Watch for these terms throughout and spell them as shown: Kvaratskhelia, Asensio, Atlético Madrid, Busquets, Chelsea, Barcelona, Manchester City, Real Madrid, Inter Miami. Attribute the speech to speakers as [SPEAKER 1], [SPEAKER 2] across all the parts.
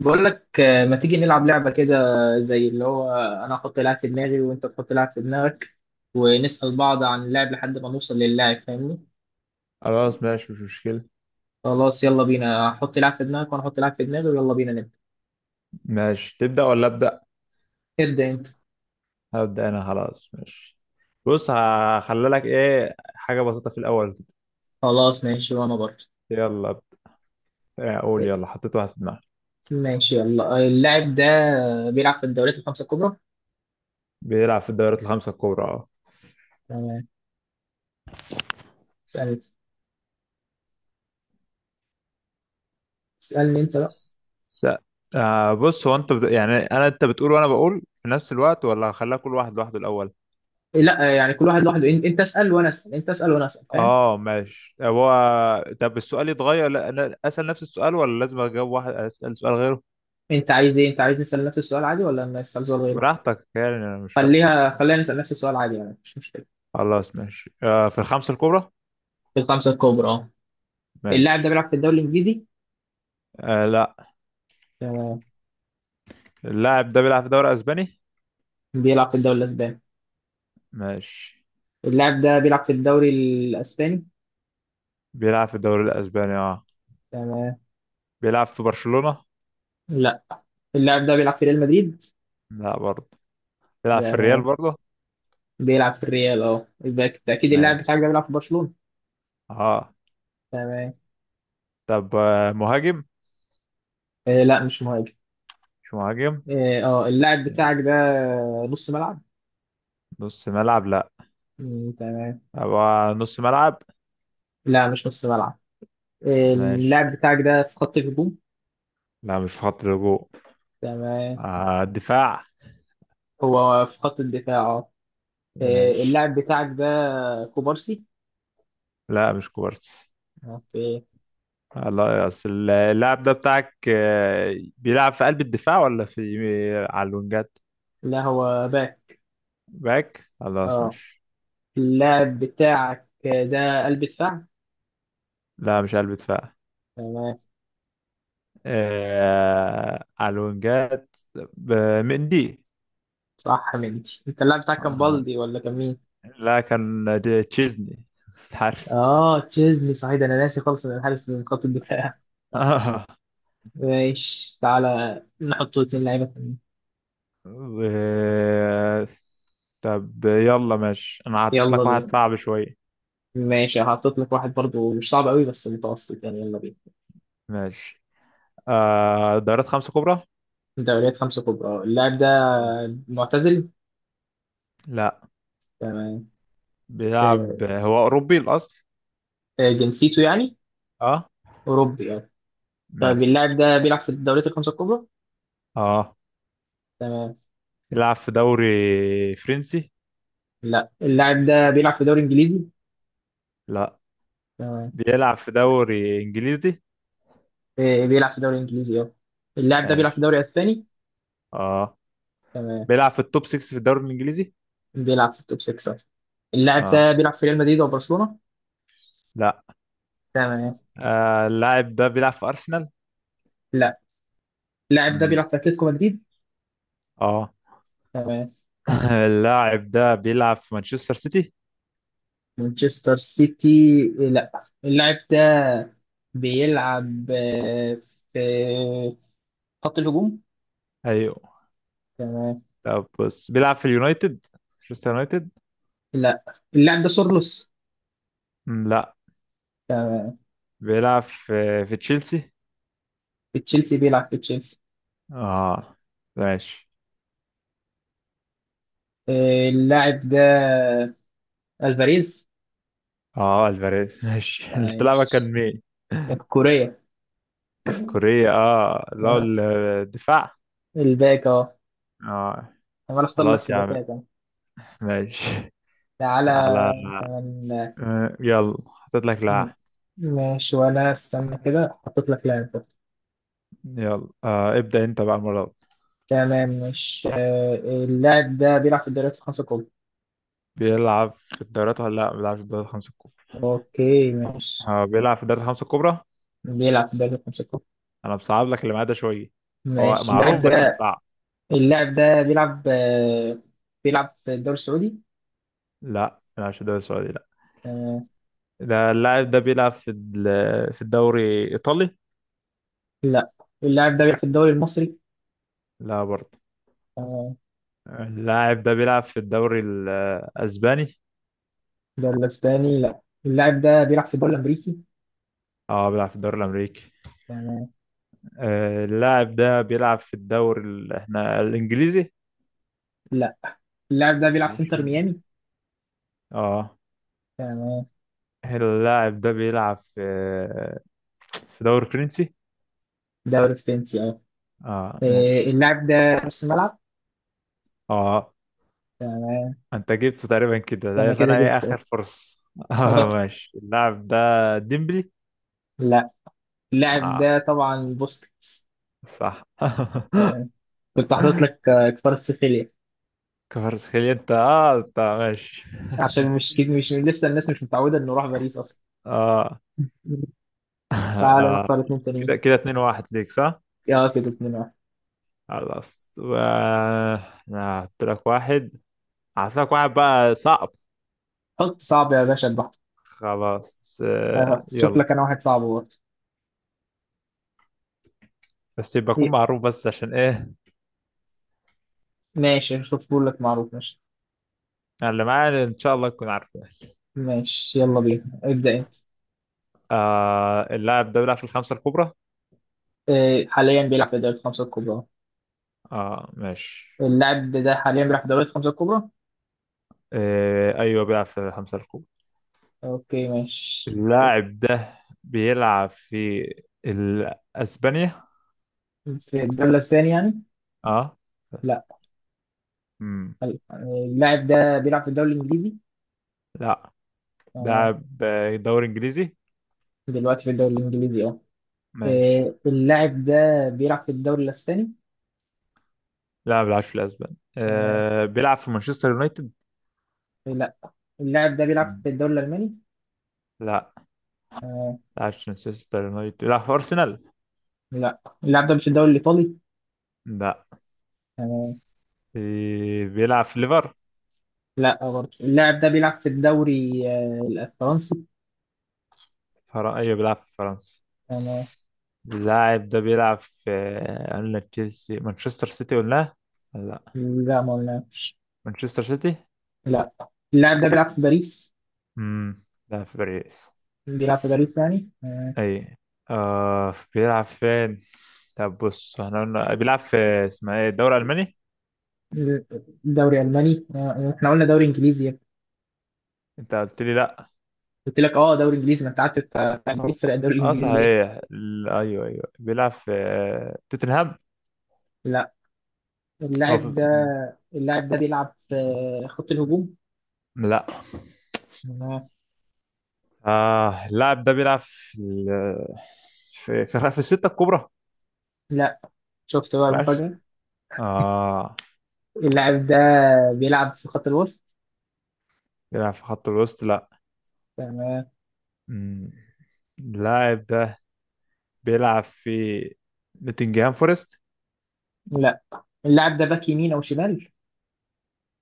[SPEAKER 1] بقول لك ما تيجي نلعب لعبة كده زي اللي هو أنا أحط لاعب في دماغي وأنت تحط لاعب في دماغك ونسأل بعض عن اللاعب لحد ما نوصل للاعب فاهمني؟
[SPEAKER 2] خلاص ماشي مش مشكلة.
[SPEAKER 1] خلاص يلا بينا حط لاعب في دماغك وأنا أحط لاعب في دماغي ويلا بينا نبدأ.
[SPEAKER 2] ماشي، تبدأ ولا أبدأ؟
[SPEAKER 1] ابدأ أنت.
[SPEAKER 2] هبدأ أنا. خلاص ماشي. بص، هخلي لك حاجة بسيطة في الأول كده.
[SPEAKER 1] خلاص ماشي وأنا برضه.
[SPEAKER 2] يلا ب- قول يلا حطيت واحد في دماغي
[SPEAKER 1] ماشي يلا اللاعب ده بيلعب في الدوريات الخمسة الكبرى.
[SPEAKER 2] بيلعب في الدوريات الخمسة الكبرى، أه.
[SPEAKER 1] تمام. اسألني اسألني أنت بقى.
[SPEAKER 2] س- بص، هو يعني أنا، أنت بتقول وأنا بقول في نفس الوقت ولا هخليها كل واحد لوحده الأول؟
[SPEAKER 1] لا يعني كل واحد لوحده أنت اسأل وأنا أسأل أنت اسأل وأنا أسأل فاهم؟
[SPEAKER 2] أه ماشي. هو طب السؤال يتغير لا أنا أسأل نفس السؤال ولا لازم أجاوب واحد أسأل سؤال غيره؟
[SPEAKER 1] أنت عايز إيه؟ أنت عايز نسأل نفس السؤال عادي ولا نسأل سؤال غيره؟
[SPEAKER 2] براحتك، يعني أنا مش فارق.
[SPEAKER 1] خليها خلينا نسأل نفس السؤال عادي يعني مش مشكلة.
[SPEAKER 2] خلاص ماشي. في الخمسة الكبرى؟
[SPEAKER 1] في الخمسة الكبرى اه. اللاعب ده
[SPEAKER 2] ماشي.
[SPEAKER 1] بيلعب في الدوري الإنجليزي.
[SPEAKER 2] آه، لا.
[SPEAKER 1] تمام.
[SPEAKER 2] اللاعب ده بيلعب في الدوري الاسباني.
[SPEAKER 1] بيلعب في الدوري الأسباني.
[SPEAKER 2] ماشي.
[SPEAKER 1] اللاعب ده بيلعب في الدوري الأسباني.
[SPEAKER 2] بيلعب في الدوري الاسباني، اه.
[SPEAKER 1] تمام.
[SPEAKER 2] بيلعب في برشلونة.
[SPEAKER 1] لا اللاعب ده بيلعب في ريال مدريد.
[SPEAKER 2] لا برضه. بيلعب في الريال
[SPEAKER 1] تمام.
[SPEAKER 2] برضه.
[SPEAKER 1] بيلعب في الريال اه يبقى بالتأكيد اللاعب
[SPEAKER 2] ماشي،
[SPEAKER 1] بتاعك ده بيلعب في برشلونة.
[SPEAKER 2] اه.
[SPEAKER 1] تمام.
[SPEAKER 2] طب مهاجم.
[SPEAKER 1] آه لا مش مهاجم.
[SPEAKER 2] مش مهاجم.
[SPEAKER 1] اه اللاعب بتاعك ده نص ملعب.
[SPEAKER 2] نص ملعب لا.
[SPEAKER 1] مم، تمام.
[SPEAKER 2] طب نص ملعب.
[SPEAKER 1] لا مش نص ملعب. اللاعب
[SPEAKER 2] ماشي.
[SPEAKER 1] بتاعك ده في خط الهجوم.
[SPEAKER 2] لا مش في خط الهجوم.
[SPEAKER 1] تمام.
[SPEAKER 2] آه، دفاع.
[SPEAKER 1] هو في خط الدفاع اه.
[SPEAKER 2] ماشي.
[SPEAKER 1] اللاعب بتاعك ده كوبارسي.
[SPEAKER 2] لا مش كوبارسي.
[SPEAKER 1] اوكي.
[SPEAKER 2] لا، اصل اللاعب ده بتاعك بيلعب في قلب الدفاع ولا في على الوينجات؟
[SPEAKER 1] لا هو باك
[SPEAKER 2] باك خلاص
[SPEAKER 1] اه.
[SPEAKER 2] ماشي.
[SPEAKER 1] اللاعب بتاعك ده قلب دفاع.
[SPEAKER 2] لا مش قلب دفاع.
[SPEAKER 1] تمام.
[SPEAKER 2] على الوينجات. ب- مندي.
[SPEAKER 1] صح مندي انت اللاعب بتاعك كان
[SPEAKER 2] آه،
[SPEAKER 1] بالدي ولا كان مين؟
[SPEAKER 2] لكن دي تشيزني، الحارس.
[SPEAKER 1] اه تشيزني صحيح ده انا ناسي خالص ان الحارس من خط الدفاع.
[SPEAKER 2] آه.
[SPEAKER 1] ماشي تعالى نحط اتنين لعيبه تانيين.
[SPEAKER 2] و- طب يلا ماشي، انا هحط
[SPEAKER 1] يلا
[SPEAKER 2] لك واحد
[SPEAKER 1] بينا.
[SPEAKER 2] صعب شوية.
[SPEAKER 1] ماشي هحطط لك واحد برضو مش صعب قوي بس متوسط يعني يلا بينا.
[SPEAKER 2] ماشي. دوريات خمسة كبرى.
[SPEAKER 1] دوريات خمسة كبرى اللاعب ده
[SPEAKER 2] تمام.
[SPEAKER 1] معتزل.
[SPEAKER 2] لا.
[SPEAKER 1] تمام. آه،
[SPEAKER 2] بيلعب، هو أوروبي الأصل.
[SPEAKER 1] جنسيته يعني
[SPEAKER 2] اه.
[SPEAKER 1] أوروبي يعني. طيب
[SPEAKER 2] ماشي.
[SPEAKER 1] اللاعب ده بيلعب في الدوريات الخمسة الكبرى.
[SPEAKER 2] اه
[SPEAKER 1] تمام.
[SPEAKER 2] بيلعب في دوري فرنسي.
[SPEAKER 1] لا اللاعب ده بيلعب في دوري انجليزي.
[SPEAKER 2] لا،
[SPEAKER 1] تمام.
[SPEAKER 2] بيلعب في دوري إنجليزي.
[SPEAKER 1] إيه، إيه، بيلعب في دوري انجليزي اه. اللاعب ده بيلعب في
[SPEAKER 2] ماشي،
[SPEAKER 1] دوري اسباني.
[SPEAKER 2] اه.
[SPEAKER 1] تمام.
[SPEAKER 2] بيلعب في التوب 6 في الدوري الانجليزي،
[SPEAKER 1] بيلعب في التوب 6 صح. اللاعب
[SPEAKER 2] اه.
[SPEAKER 1] ده بيلعب في ريال مدريد وبرشلونة.
[SPEAKER 2] لا.
[SPEAKER 1] تمام.
[SPEAKER 2] آه، اللاعب ده بيلعب في ارسنال.
[SPEAKER 1] لا اللاعب ده
[SPEAKER 2] مم.
[SPEAKER 1] بيلعب في اتلتيكو مدريد.
[SPEAKER 2] اه.
[SPEAKER 1] تمام.
[SPEAKER 2] اللاعب ده بيلعب في مانشستر سيتي.
[SPEAKER 1] مانشستر سيتي. لا اللاعب ده بيلعب في خط الهجوم.
[SPEAKER 2] ايوه.
[SPEAKER 1] تمام.
[SPEAKER 2] طب بص، بيلعب في اليونايتد، مانشستر يونايتد.
[SPEAKER 1] لا اللاعب ده سورلوس.
[SPEAKER 2] مم، لا.
[SPEAKER 1] تمام.
[SPEAKER 2] بيلعب في تشيلسي.
[SPEAKER 1] في تشيلسي بيلعب في تشيلسي.
[SPEAKER 2] اه، ماشي.
[SPEAKER 1] اللاعب ده الفاريز
[SPEAKER 2] اه، الفاريز ماشي. اللاعب
[SPEAKER 1] عايش
[SPEAKER 2] كان مين؟
[SPEAKER 1] الكورية.
[SPEAKER 2] كوريا. اه، لا.
[SPEAKER 1] آه،
[SPEAKER 2] الدفاع.
[SPEAKER 1] الباك اهو.
[SPEAKER 2] اه.
[SPEAKER 1] عمال اختار لك
[SPEAKER 2] خلاص
[SPEAKER 1] في
[SPEAKER 2] يا عم.
[SPEAKER 1] باكات أهو.
[SPEAKER 2] ماشي.
[SPEAKER 1] تعالى
[SPEAKER 2] تعالى.
[SPEAKER 1] كمان.
[SPEAKER 2] يلا حطيت لك
[SPEAKER 1] م-
[SPEAKER 2] لاعب.
[SPEAKER 1] ماشي وانا استنى كده حطيت لك لاعب برضه.
[SPEAKER 2] يلا ابدأ انت بقى المرة.
[SPEAKER 1] تمام مش. اللاعب ده بيلعب في الدوريات الخمسة الكبرى.
[SPEAKER 2] بيلعب في الدوريات ولا لا؟ ما بيلعبش في الدوريات الخمسة الكبرى.
[SPEAKER 1] اوكي ماشي.
[SPEAKER 2] هو بيلعب في الدوريات الخمسة الكبرى.
[SPEAKER 1] بيلعب في الدوريات الخمسة الكبرى.
[SPEAKER 2] انا بصعب لك اللي معاه ده شوية. هو
[SPEAKER 1] ماشي اللاعب
[SPEAKER 2] معروف بس
[SPEAKER 1] ده.
[SPEAKER 2] مصعب.
[SPEAKER 1] اللاعب ده بيلعب بيلعب في الدوري السعودي.
[SPEAKER 2] لا ما بيلعبش في الدوري السعودي لا.
[SPEAKER 1] آه،
[SPEAKER 2] ده اللاعب ده بيلعب في في الدوري الإيطالي.
[SPEAKER 1] لا اللاعب ده بيلعب في الدوري المصري.
[SPEAKER 2] لا برضه.
[SPEAKER 1] آه،
[SPEAKER 2] اللاعب ده بيلعب في الدوري الأسباني.
[SPEAKER 1] الدوري الاسباني لا. اللاعب ده بيلعب في الدوري الامريكي.
[SPEAKER 2] اه بيلعب في الدوري الأمريكي. اللاعب ده بيلعب في الدوري احنا الإنجليزي.
[SPEAKER 1] لا اللاعب ده بيلعب في
[SPEAKER 2] بيلعبش
[SPEAKER 1] انتر
[SPEAKER 2] إنجليزي.
[SPEAKER 1] ميامي.
[SPEAKER 2] اه.
[SPEAKER 1] تمام.
[SPEAKER 2] اللاعب ده بيلعب في دوري فرنسي.
[SPEAKER 1] دوري فرنسي اه.
[SPEAKER 2] اه، ماشي.
[SPEAKER 1] اللاعب ده نص ملعب.
[SPEAKER 2] اه
[SPEAKER 1] تمام.
[SPEAKER 2] انت جبته تقريبا كده، ده
[SPEAKER 1] انا كده
[SPEAKER 2] فانا ايه اخر
[SPEAKER 1] جبته
[SPEAKER 2] فرصة. اه،
[SPEAKER 1] اه.
[SPEAKER 2] ماشي. اللاعب ده ديمبلي.
[SPEAKER 1] لا اللاعب
[SPEAKER 2] اه
[SPEAKER 1] ده طبعا بوسكيتس.
[SPEAKER 2] صح.
[SPEAKER 1] آه، كنت حاطط لك كفاراتسخيليا
[SPEAKER 2] كفارسخيليا انت. اه انت ماشي.
[SPEAKER 1] عشان مش كده مش لسه الناس مش متعوده انه راح باريس اصلا.
[SPEAKER 2] اه.
[SPEAKER 1] تعالى نختار اتنين تانيين.
[SPEAKER 2] كده كده اتنين واحد ليك صح؟
[SPEAKER 1] اه كده اتنين واحد.
[SPEAKER 2] خلاص. أنا هحط لك واحد هحط لك واحد بقى صعب.
[SPEAKER 1] حط صعب يا باشا البحر.
[SPEAKER 2] خلاص
[SPEAKER 1] شوف
[SPEAKER 2] يلا.
[SPEAKER 1] لك انا واحد صعب برضه.
[SPEAKER 2] بس يبقى يكون
[SPEAKER 1] إيه،
[SPEAKER 2] معروف، بس عشان ايه.
[SPEAKER 1] ماشي شوف لك معروف ماشي.
[SPEAKER 2] أنا اللي معايا ان شاء الله تكون عارفه.
[SPEAKER 1] ماشي يلا بينا ابدأ انت.
[SPEAKER 2] آه اللاعب ده بيلعب في الخمسة الكبرى.
[SPEAKER 1] حاليا بيلعب في دوري الخمسة الكبرى.
[SPEAKER 2] اه ماشي.
[SPEAKER 1] اللاعب ده حاليا بيلعب في الدوريات الخمسة الكبرى.
[SPEAKER 2] ايوه بيلعب في خمسة الكبرى.
[SPEAKER 1] اوكي ماشي
[SPEAKER 2] اللاعب ده بيلعب في اسبانيا.
[SPEAKER 1] في الدوري الاسباني يعني
[SPEAKER 2] اه.
[SPEAKER 1] لا.
[SPEAKER 2] امم.
[SPEAKER 1] حلو. اللاعب ده بيلعب في الدوري الانجليزي.
[SPEAKER 2] لا.
[SPEAKER 1] تمام.
[SPEAKER 2] لاعب دوري انجليزي.
[SPEAKER 1] دلوقتي في الدوري الانجليزي اه.
[SPEAKER 2] ماشي.
[SPEAKER 1] اللاعب ده بيلعب في الدوري الاسباني.
[SPEAKER 2] لا ما بيلعبش في الاسبان.
[SPEAKER 1] تمام.
[SPEAKER 2] آه بيلعب في مانشستر يونايتد.
[SPEAKER 1] لا اللاعب ده بيلعب في
[SPEAKER 2] مم.
[SPEAKER 1] الدوري الالماني.
[SPEAKER 2] لا ما
[SPEAKER 1] تمام.
[SPEAKER 2] بيلعبش في مانشستر يونايتد، بيلعب في ارسنال.
[SPEAKER 1] لا اللاعب ده مش الدوري الايطالي.
[SPEAKER 2] لا.
[SPEAKER 1] تمام.
[SPEAKER 2] بيلعب في
[SPEAKER 1] لا برضه اللاعب ده بيلعب في الدوري الفرنسي.
[SPEAKER 2] ايوه بيلعب في فرنسا.
[SPEAKER 1] تمام.
[SPEAKER 2] اللاعب ده بيلعب في قلنا تشيلسي مانشستر سيتي ولا؟ لا،
[SPEAKER 1] لا ما قلنا.
[SPEAKER 2] مانشستر سيتي.
[SPEAKER 1] لا اللاعب ده بيلعب في باريس.
[SPEAKER 2] امم. لا في باريس.
[SPEAKER 1] بيلعب في باريس يعني
[SPEAKER 2] اي. آه، بيلعب فين؟ طب بص، احنا قلنا بيلعب في، اسمها ايه، الدوري الالماني.
[SPEAKER 1] دوري الماني. احنا قلنا دوري انجليزي.
[SPEAKER 2] انت قلت لي لا.
[SPEAKER 1] قلت لك اه دوري انجليزي ما انت قعدت تقول فرق الدوري
[SPEAKER 2] اه
[SPEAKER 1] الانجليزي ليه؟
[SPEAKER 2] صحيح. ايوه، ايوه بيلعب في توتنهام.
[SPEAKER 1] لا
[SPEAKER 2] او في...
[SPEAKER 1] اللاعب ده. اللاعب ده بيلعب في خط الهجوم.
[SPEAKER 2] لا.
[SPEAKER 1] آه،
[SPEAKER 2] اه اللاعب ده بيلعب في في الستة الكبرى.
[SPEAKER 1] لا. شفت بقى
[SPEAKER 2] بيلعب
[SPEAKER 1] المفاجأة.
[SPEAKER 2] اه
[SPEAKER 1] اللاعب ده بيلعب في خط الوسط.
[SPEAKER 2] بيلعب في خط الوسط لا.
[SPEAKER 1] تمام.
[SPEAKER 2] مم. اللاعب ده بيلعب في نوتنجهام فورست.
[SPEAKER 1] لا اللاعب ده باك يمين او شمال.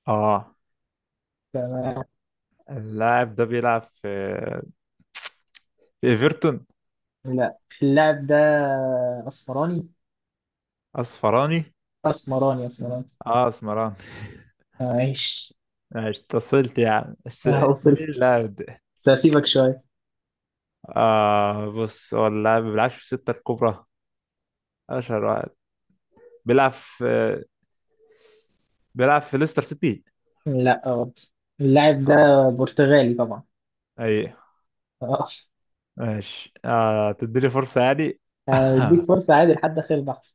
[SPEAKER 2] اه
[SPEAKER 1] تمام.
[SPEAKER 2] اللاعب ده بيلعب في ايفرتون.
[SPEAKER 1] لا اللاعب ده اسمراني
[SPEAKER 2] اصفراني.
[SPEAKER 1] اسمراني اسمراني.
[SPEAKER 2] اه اسمراني
[SPEAKER 1] معلش.
[SPEAKER 2] ماشي. اتصلت يعني بس. مين
[SPEAKER 1] وصلت
[SPEAKER 2] اللاعب ده؟
[SPEAKER 1] بس هسيبك شوية.
[SPEAKER 2] آه بص، هو اللاعب ما بيلعبش في الستة الكبرى، اشهر واحد. بيلعب في بيلعب في ليستر سيتي.
[SPEAKER 1] لا برضه اللاعب ده
[SPEAKER 2] اه.
[SPEAKER 1] برتغالي طبعا.
[SPEAKER 2] اي ماشي. تديني فرصة يعني؟
[SPEAKER 1] هديك فرصة عادي لحد آخر بحث.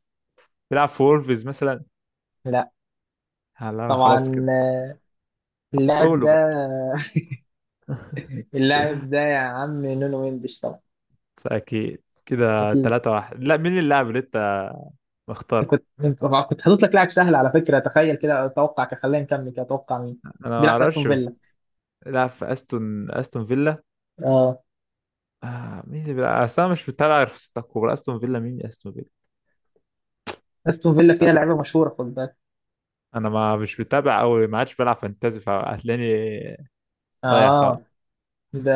[SPEAKER 2] بيلعب في وولفز مثلا.
[SPEAKER 1] لا
[SPEAKER 2] لا انا
[SPEAKER 1] طبعا.
[SPEAKER 2] خلاص كده.
[SPEAKER 1] اللاعب
[SPEAKER 2] قولوا
[SPEAKER 1] ده.
[SPEAKER 2] بقى.
[SPEAKER 1] اللاعب ده يا عم نونو مندش طبعا.
[SPEAKER 2] بس اكيد كده
[SPEAKER 1] أكيد
[SPEAKER 2] تلاتة واحد، لا؟ مين اللاعب اللي انت مختار؟
[SPEAKER 1] كنت حاطط لك لاعب سهل على فكرة تخيل كده أتوقع كده خلينا نكمل كده أتوقع مين
[SPEAKER 2] انا ما
[SPEAKER 1] بيلعب في أستون
[SPEAKER 2] اعرفش
[SPEAKER 1] فيلا.
[SPEAKER 2] بس. لا، في استون، استون فيلا.
[SPEAKER 1] أه.
[SPEAKER 2] مين اللي بيلعب؟ اصل انا مش متابع غير في ستة كوره. استون فيلا مين؟ استون فيلا.
[SPEAKER 1] أستون فيلا فيها
[SPEAKER 2] لا
[SPEAKER 1] لعيبة مشهورة خد بالك.
[SPEAKER 2] انا ما مش متابع قوي. ما عادش بلعب فانتازي فهتلاقيني ضايع خالص.
[SPEAKER 1] أه ده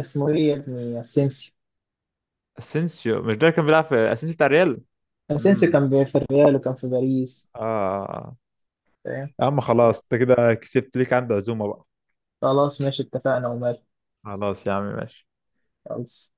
[SPEAKER 1] اسمه إيه يا ابني أسينسيو.
[SPEAKER 2] اسينسيو؟ مش ده اللي كان بيلعب في، اسينسيو بتاع ريال.
[SPEAKER 1] أسينسيو
[SPEAKER 2] امم.
[SPEAKER 1] كان في الريال وكان في باريس.
[SPEAKER 2] اه.
[SPEAKER 1] فاهم.
[SPEAKER 2] يا عم خلاص، انت كده كسبت ليك عندي عزومة بقى.
[SPEAKER 1] خلاص ماشي اتفقنا ومال.
[SPEAKER 2] خلاص يا عم ماشي.
[SPEAKER 1] خلاص.